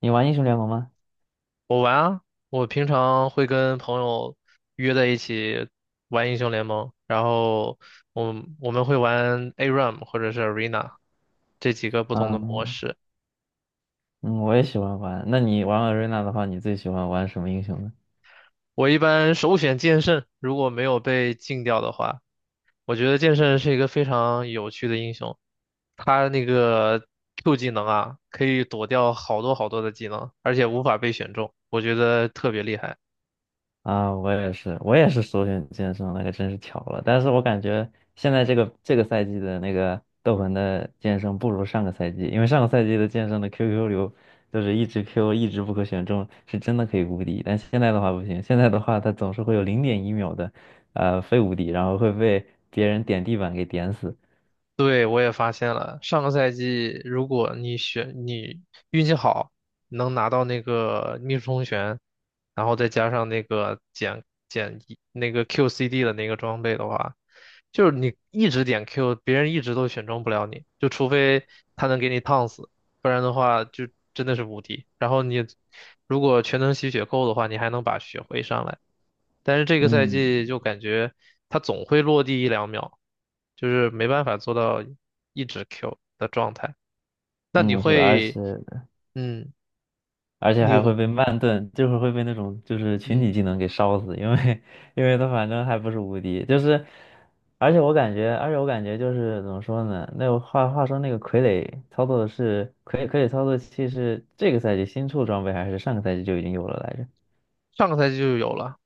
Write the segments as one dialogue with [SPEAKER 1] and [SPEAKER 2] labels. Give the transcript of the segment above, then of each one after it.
[SPEAKER 1] 你玩英雄联盟吗？
[SPEAKER 2] 我玩啊，我平常会跟朋友约在一起玩英雄联盟，然后我们会玩 ARAM 或者是 Arena 这几个不同的模
[SPEAKER 1] 嗯
[SPEAKER 2] 式。
[SPEAKER 1] 嗯，我也喜欢玩。那你玩 a 瑞娜的话，你最喜欢玩什么英雄呢？
[SPEAKER 2] 我一般首选剑圣，如果没有被禁掉的话，我觉得剑圣是一个非常有趣的英雄。他那个 Q 技能啊，可以躲掉好多好多的技能，而且无法被选中，我觉得特别厉害。
[SPEAKER 1] 啊，我也是,首选剑圣，那个真是巧了。但是我感觉现在这个赛季的那个斗魂的剑圣不如上个赛季，因为上个赛季的剑圣的 QQ 流就是一直 Q 一直不可选中，是真的可以无敌。但现在的话不行，现在的话它总是会有0.1秒的非无敌，然后会被别人点地板给点死。
[SPEAKER 2] 对，我也发现了，上个赛季如果你运气好，能拿到那个逆室通玄然后再加上那个减一那个 QCD 的那个装备的话，就是你一直点 Q,别人一直都选中不了你，就除非他能给你烫死，不然的话就真的是无敌。然后你如果全能吸血够的话，你还能把血回上来。但是这个赛季
[SPEAKER 1] 嗯。
[SPEAKER 2] 就感觉他总会落地一两秒，就是没办法做到一直 Q 的状态。那你
[SPEAKER 1] 嗯，是，而且
[SPEAKER 2] 会，嗯，
[SPEAKER 1] 而且
[SPEAKER 2] 你
[SPEAKER 1] 还会
[SPEAKER 2] 有，
[SPEAKER 1] 被慢炖，就会儿会被那种就是群体
[SPEAKER 2] 嗯，
[SPEAKER 1] 技能给烧死，因为 因为他反正还不是无敌，就是，而且我感觉,就是怎么说呢？那个话说那个傀儡操作的是傀儡操作器是这个赛季新出装备还是上个赛季就已经有了来着？
[SPEAKER 2] 上个赛季就有了。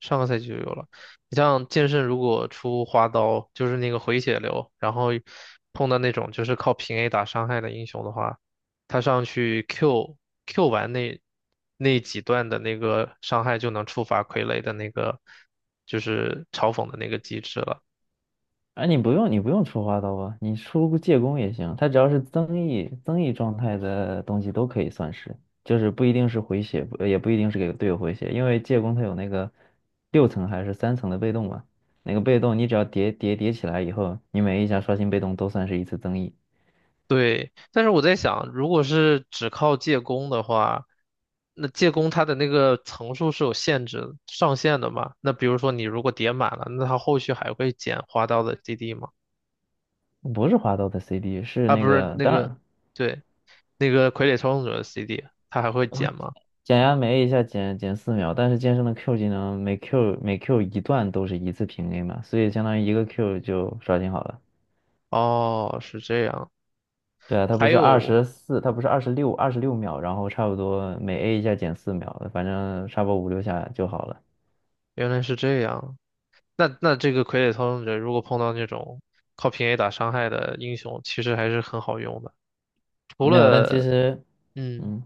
[SPEAKER 2] 上个赛季就有了。你像剑圣，如果出花刀，就是那个回血流，然后碰到那种就是靠平 A 打伤害的英雄的话，他上去 Q Q 完那几段的那个伤害，就能触发傀儡的那个就是嘲讽的那个机制了。
[SPEAKER 1] 哎，你不用,出花刀啊，你出借弓也行，它只要是增益状态的东西都可以算是，就是不一定是回血，不也不一定是给队友回血，因为借弓它有那个六层还是三层的被动嘛，那个被动你只要叠起来以后，你每一下刷新被动都算是一次增益，
[SPEAKER 2] 对，但是我在想，如果是只靠借工的话，那借工它的那个层数是有限制、上限的嘛？那比如说你如果叠满了，那它后续还会减花刀的 CD 吗？
[SPEAKER 1] 不是花刀的 CD，是
[SPEAKER 2] 啊，
[SPEAKER 1] 那
[SPEAKER 2] 不是
[SPEAKER 1] 个
[SPEAKER 2] 那
[SPEAKER 1] 当
[SPEAKER 2] 个，
[SPEAKER 1] 然
[SPEAKER 2] 对，那个傀儡操纵者的 CD,它还会
[SPEAKER 1] 我
[SPEAKER 2] 减吗？
[SPEAKER 1] 减压没一下减四秒，但是剑圣的 Q 技能每 Q 一段都是一次平 A 嘛，所以相当于一个 Q 就刷新好了。
[SPEAKER 2] 哦，是这样，
[SPEAKER 1] 对啊，它不
[SPEAKER 2] 还
[SPEAKER 1] 是二
[SPEAKER 2] 有
[SPEAKER 1] 十四，它不是二十六，26秒，然后差不多每 A 一下减四秒，反正差不多五六下就好了。
[SPEAKER 2] 原来是这样，那这个傀儡操纵者如果碰到那种靠平 A 打伤害的英雄，其实还是很好用的，除
[SPEAKER 1] 没有，但其
[SPEAKER 2] 了
[SPEAKER 1] 实，
[SPEAKER 2] 嗯。
[SPEAKER 1] 嗯，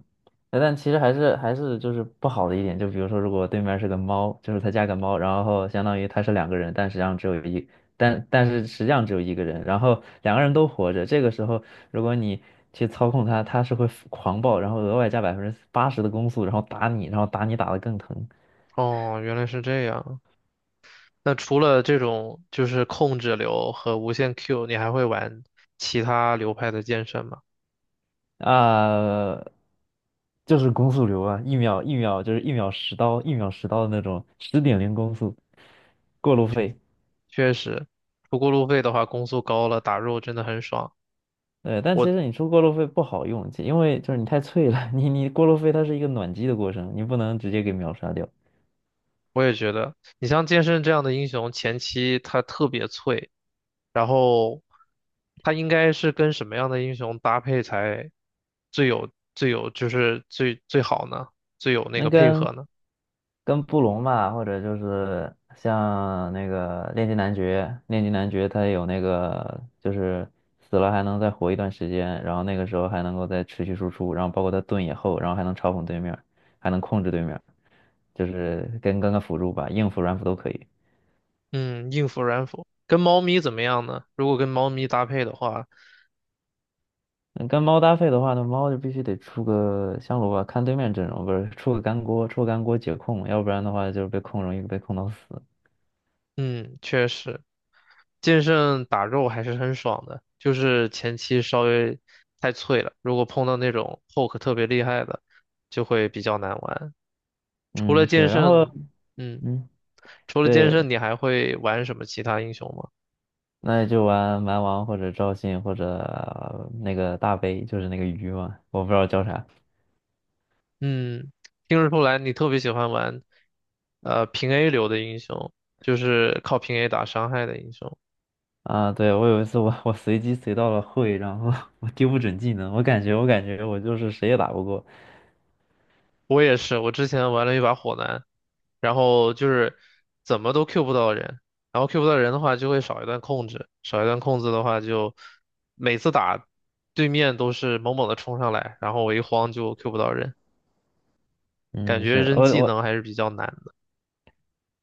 [SPEAKER 1] 但其实还是就是不好的一点，就比如说如果对面是个猫，就是他加个猫，然后相当于他是两个人，但是实际上只有一个人，然后两个人都活着，这个时候如果你去操控它，它是会狂暴，然后额外加80%的攻速，然后打你，然后打你打得更疼。
[SPEAKER 2] 哦，原来是这样。那除了这种就是控制流和无限 Q,你还会玩其他流派的剑圣吗？
[SPEAKER 1] 啊、就是攻速流啊，一秒就是一秒十刀，一秒十刀的那种，十点零攻速，过路费。
[SPEAKER 2] 确实，不过路费的话，攻速高了，打肉真的很爽。
[SPEAKER 1] 对，但其实你出过路费不好用，因为就是你太脆了，你过路费它是一个暖机的过程，你不能直接给秒杀掉。
[SPEAKER 2] 我也觉得，你像剑圣这样的英雄，前期他特别脆，然后他应该是跟什么样的英雄搭配才最有最有就是最最好呢？最有那
[SPEAKER 1] 那
[SPEAKER 2] 个配
[SPEAKER 1] 跟
[SPEAKER 2] 合呢？
[SPEAKER 1] 跟布隆吧，或者就是像那个炼金男爵，炼金男爵他有那个就是死了还能再活一段时间，然后那个时候还能够再持续输出，然后包括他盾也厚，然后还能嘲讽对面，还能控制对面，就是跟个辅助吧，硬辅软辅都可以。
[SPEAKER 2] 嗯，硬辅软辅跟猫咪怎么样呢？如果跟猫咪搭配的话，
[SPEAKER 1] 嗯跟猫搭配的话那猫就必须得出个香炉吧，看对面阵容，不是出个干锅，出个干锅解控，要不然的话就是被控容易被控到死。
[SPEAKER 2] 嗯，确实。剑圣打肉还是很爽的，就是前期稍微太脆了，如果碰到那种 poke 特别厉害的，就会比较难玩。除了
[SPEAKER 1] 嗯，是，
[SPEAKER 2] 剑
[SPEAKER 1] 然后
[SPEAKER 2] 圣，嗯，
[SPEAKER 1] 嗯，
[SPEAKER 2] 除了剑
[SPEAKER 1] 对，
[SPEAKER 2] 圣，你还会玩什么其他英雄吗？
[SPEAKER 1] 那就玩蛮王或者赵信或者呃那个大杯，就是那个鱼嘛，我不知道叫啥
[SPEAKER 2] 嗯，听得出来你特别喜欢玩，平 A 流的英雄，就是靠平 A 打伤害的英雄。
[SPEAKER 1] 啊。对，我有一次我随机随到了会，然后 我丢不准技能，我感觉我就是谁也打不过。
[SPEAKER 2] 我也是，我之前玩了一把火男，然后就是怎么都 Q 不到人，然后 Q 不到人的话就会少一段控制，少一段控制的话就每次打对面都是猛猛的冲上来，然后我一慌就 Q 不到人，感
[SPEAKER 1] 嗯，是
[SPEAKER 2] 觉扔技能还是比较难的。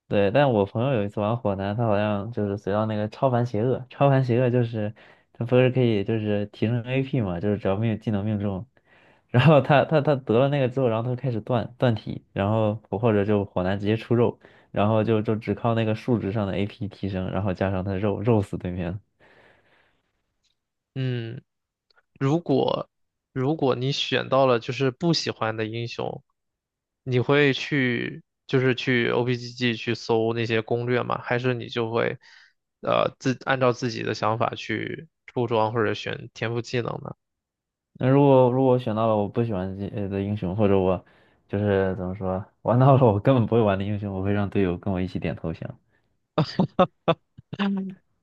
[SPEAKER 1] 对，但我朋友有一次玩火男，他好像就是随到那个超凡邪恶，超凡邪恶就是他不是可以就是提升 AP 嘛，就是只要命技能命中，然后他得了那个之后，然后他就开始断体，然后或者就火男直接出肉，然后就就只靠那个数值上的 AP 提升，然后加上他肉肉死对面了
[SPEAKER 2] 嗯，如果如果你选到了就是不喜欢的英雄，你会去就是去 OPGG 去搜那些攻略吗？还是你就会按照自己的想法去出装或者选天赋技能呢？
[SPEAKER 1] 那如果我选到了我不喜欢的英雄，或者我就是怎么说玩到了我根本不会玩的英雄，我会让队友跟我一起点投降。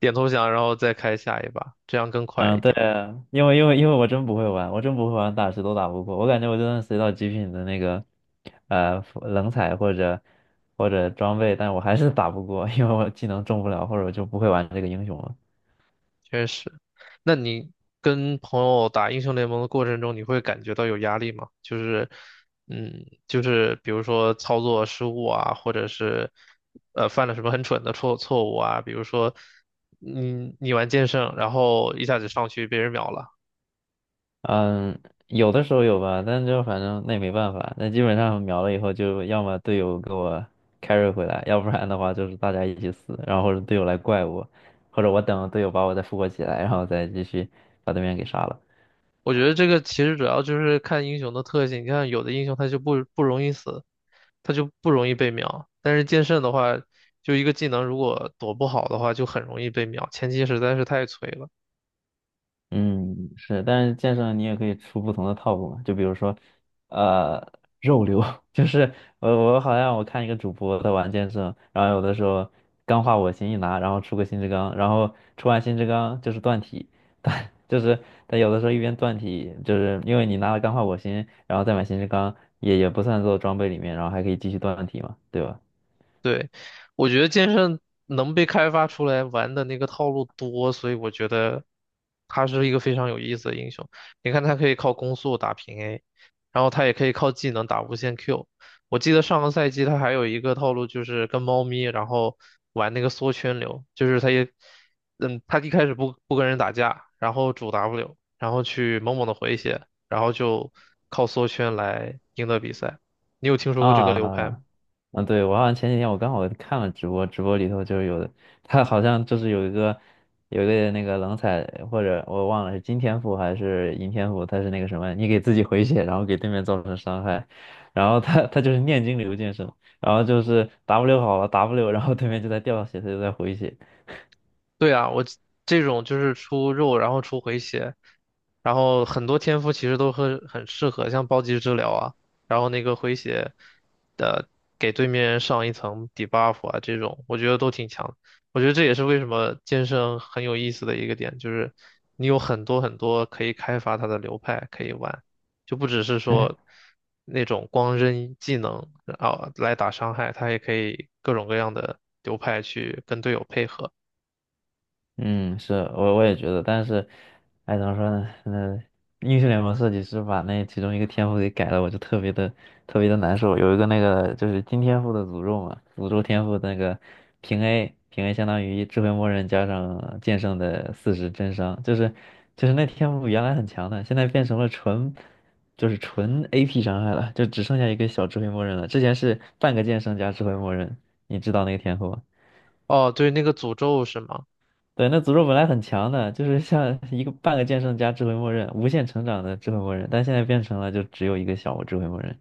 [SPEAKER 2] 点投降，然后再开下一把，这样更快一
[SPEAKER 1] 嗯，对
[SPEAKER 2] 点。
[SPEAKER 1] 啊，因为我真不会玩，我真不会玩，打谁都打不过。我感觉我就算随到极品的那个，冷彩或者装备，但我还是打不过，因为我技能中不了，或者我就不会玩这个英雄了。
[SPEAKER 2] 确实，那你跟朋友打英雄联盟的过程中，你会感觉到有压力吗？就是，嗯，就是比如说操作失误啊，或者是犯了什么很蠢的错误啊，比如说你玩剑圣，然后一下子上去被人秒了。
[SPEAKER 1] 嗯，有的时候有吧，但就反正那也没办法，那基本上秒了以后，就要么队友给我 carry 回来，要不然的话就是大家一起死，然后或者队友来怪我，或者我等队友把我再复活起来，然后再继续把对面给杀了。
[SPEAKER 2] 我觉得这个其实主要就是看英雄的特性。你看，有的英雄他就不容易死，他就不容易被秒。但是剑圣的话，就一个技能如果躲不好的话，就很容易被秒。前期实在是太脆了。
[SPEAKER 1] 嗯，是，但是剑圣你也可以出不同的套路嘛，就比如说，呃，肉流，就是我好像我看一个主播在玩剑圣，然后有的时候钢化我心一拿，然后出个新之钢，然后出完新之钢就是断体，但就是他有的时候一边断体，就是因为你拿了钢化我心，然后再买新之钢，也不算做装备里面，然后还可以继续断体嘛，对吧？
[SPEAKER 2] 对，我觉得剑圣能被开发出来玩的那个套路多，所以我觉得他是一个非常有意思的英雄。你看，他可以靠攻速打平 A,然后他也可以靠技能打无限 Q。我记得上个赛季他还有一个套路，就是跟猫咪，然后玩那个缩圈流，就是他也，嗯，他一开始不跟人打架，然后主 W,然后去猛猛的回血，然后就靠缩圈来赢得比赛。你有听说过这个流派吗？
[SPEAKER 1] 啊，嗯，对，我好像前几天我刚好看了直播，直播里头就是有的，他好像就是有一个那个冷彩，或者我忘了是金天赋还是银天赋，他是那个什么，你给自己回血，然后给对面造成伤害，然后他就是念经流剑圣，然后就是 W 好了 W，然后对面就在掉血，他就在回血，
[SPEAKER 2] 对啊，我这种就是出肉，然后出回血，然后很多天赋其实都很适合，像暴击治疗啊，然后那个回血的给对面人上一层 debuff 啊，这种我觉得都挺强的。我觉得这也是为什么剑圣很有意思的一个点，就是你有很多很多可以开发它的流派可以玩，就不只是
[SPEAKER 1] 哎
[SPEAKER 2] 说那种光扔技能啊来打伤害，它也可以各种各样的流派去跟队友配合。
[SPEAKER 1] 嗯，是我也觉得，但是，哎，怎么说呢？那英雄联盟设计师把那其中一个天赋给改了，我就特别的特别的难受。有一个那个就是金天赋的诅咒嘛，诅咒天赋的那个平 A 平 A 相当于智慧魔人加上剑圣的四十真伤，就是那天赋原来很强的，现在变成了纯就是纯 AP 伤害了，就只剩下一个小智慧魔人了。之前是半个剑圣加智慧魔人，你知道那个天赋吗？
[SPEAKER 2] 哦，对，那个诅咒是吗？
[SPEAKER 1] 对，那诅咒本来很强的，就是像一个半个剑圣加智慧默认，无限成长的智慧默认，但现在变成了就只有一个小智慧默认。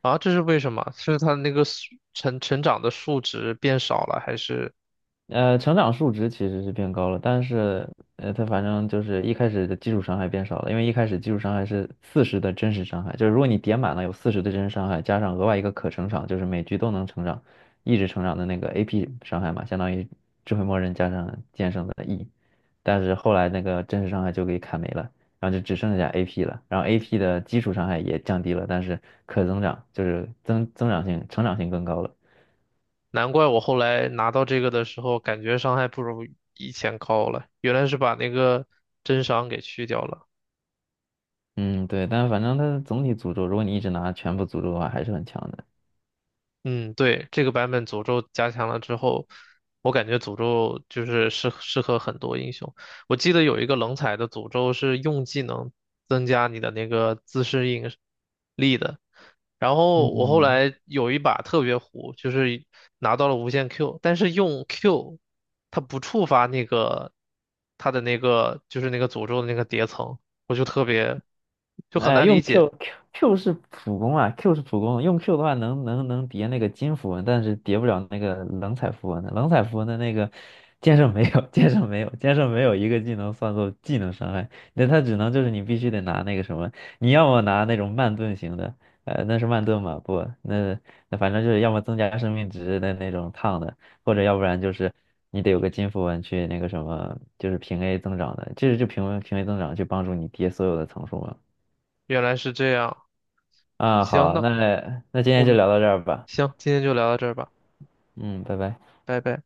[SPEAKER 2] 啊，这是为什么？是它那个成长的数值变少了，还是？
[SPEAKER 1] 成长数值其实是变高了，但是它反正就是一开始的基础伤害变少了，因为一开始基础伤害是四十的真实伤害，就是如果你点满了有四十的真实伤害，加上额外一个可成长，就是每局都能成长，一直成长的那个 AP 伤害嘛，相当于智慧默认加上剑圣的 E。但是后来那个真实伤害就给砍没了，然后就只剩下 AP 了，然后 AP 的基础伤害也降低了，但是可增长就是增长性、成长性更高了。
[SPEAKER 2] 难怪我后来拿到这个的时候，感觉伤害不如以前高了，原来是把那个真伤给去掉了。
[SPEAKER 1] 嗯，对，但是反正它的总体诅咒，如果你一直拿全部诅咒的话，还是很强的。
[SPEAKER 2] 嗯，对，这个版本诅咒加强了之后，我感觉诅咒就是适合很多英雄。我记得有一个冷彩的诅咒是用技能增加你的那个自适应力的。然后我后
[SPEAKER 1] 嗯。
[SPEAKER 2] 来有一把特别糊，就是拿到了无限 Q,但是用 Q 它不触发那个它的那个就是那个诅咒的那个叠层，我就特别就很难理
[SPEAKER 1] 用
[SPEAKER 2] 解，
[SPEAKER 1] Q Q Q 是普攻啊，Q 是普攻，用 Q 的话能叠那个金符文，但是叠不了那个冷彩符文的。冷彩符文的那个剑圣没有，剑圣没有，剑圣没有一个技能算作技能伤害，那它只能就是你必须得拿那个什么，你要么拿那种慢盾型的，那是慢盾嘛？不，那反正就是要么增加生命值的那种烫的，或者要不然就是你得有个金符文去那个什么，就是平 A 增长的，这是就平 A 增长去帮助你叠所有的层数嘛。
[SPEAKER 2] 原来是这样。
[SPEAKER 1] 啊，
[SPEAKER 2] 行，
[SPEAKER 1] 好，那
[SPEAKER 2] 那。
[SPEAKER 1] 那今
[SPEAKER 2] 我
[SPEAKER 1] 天就
[SPEAKER 2] 们
[SPEAKER 1] 聊到这儿吧。
[SPEAKER 2] 行，今天就聊到这儿吧，
[SPEAKER 1] 嗯，拜拜。
[SPEAKER 2] 拜拜。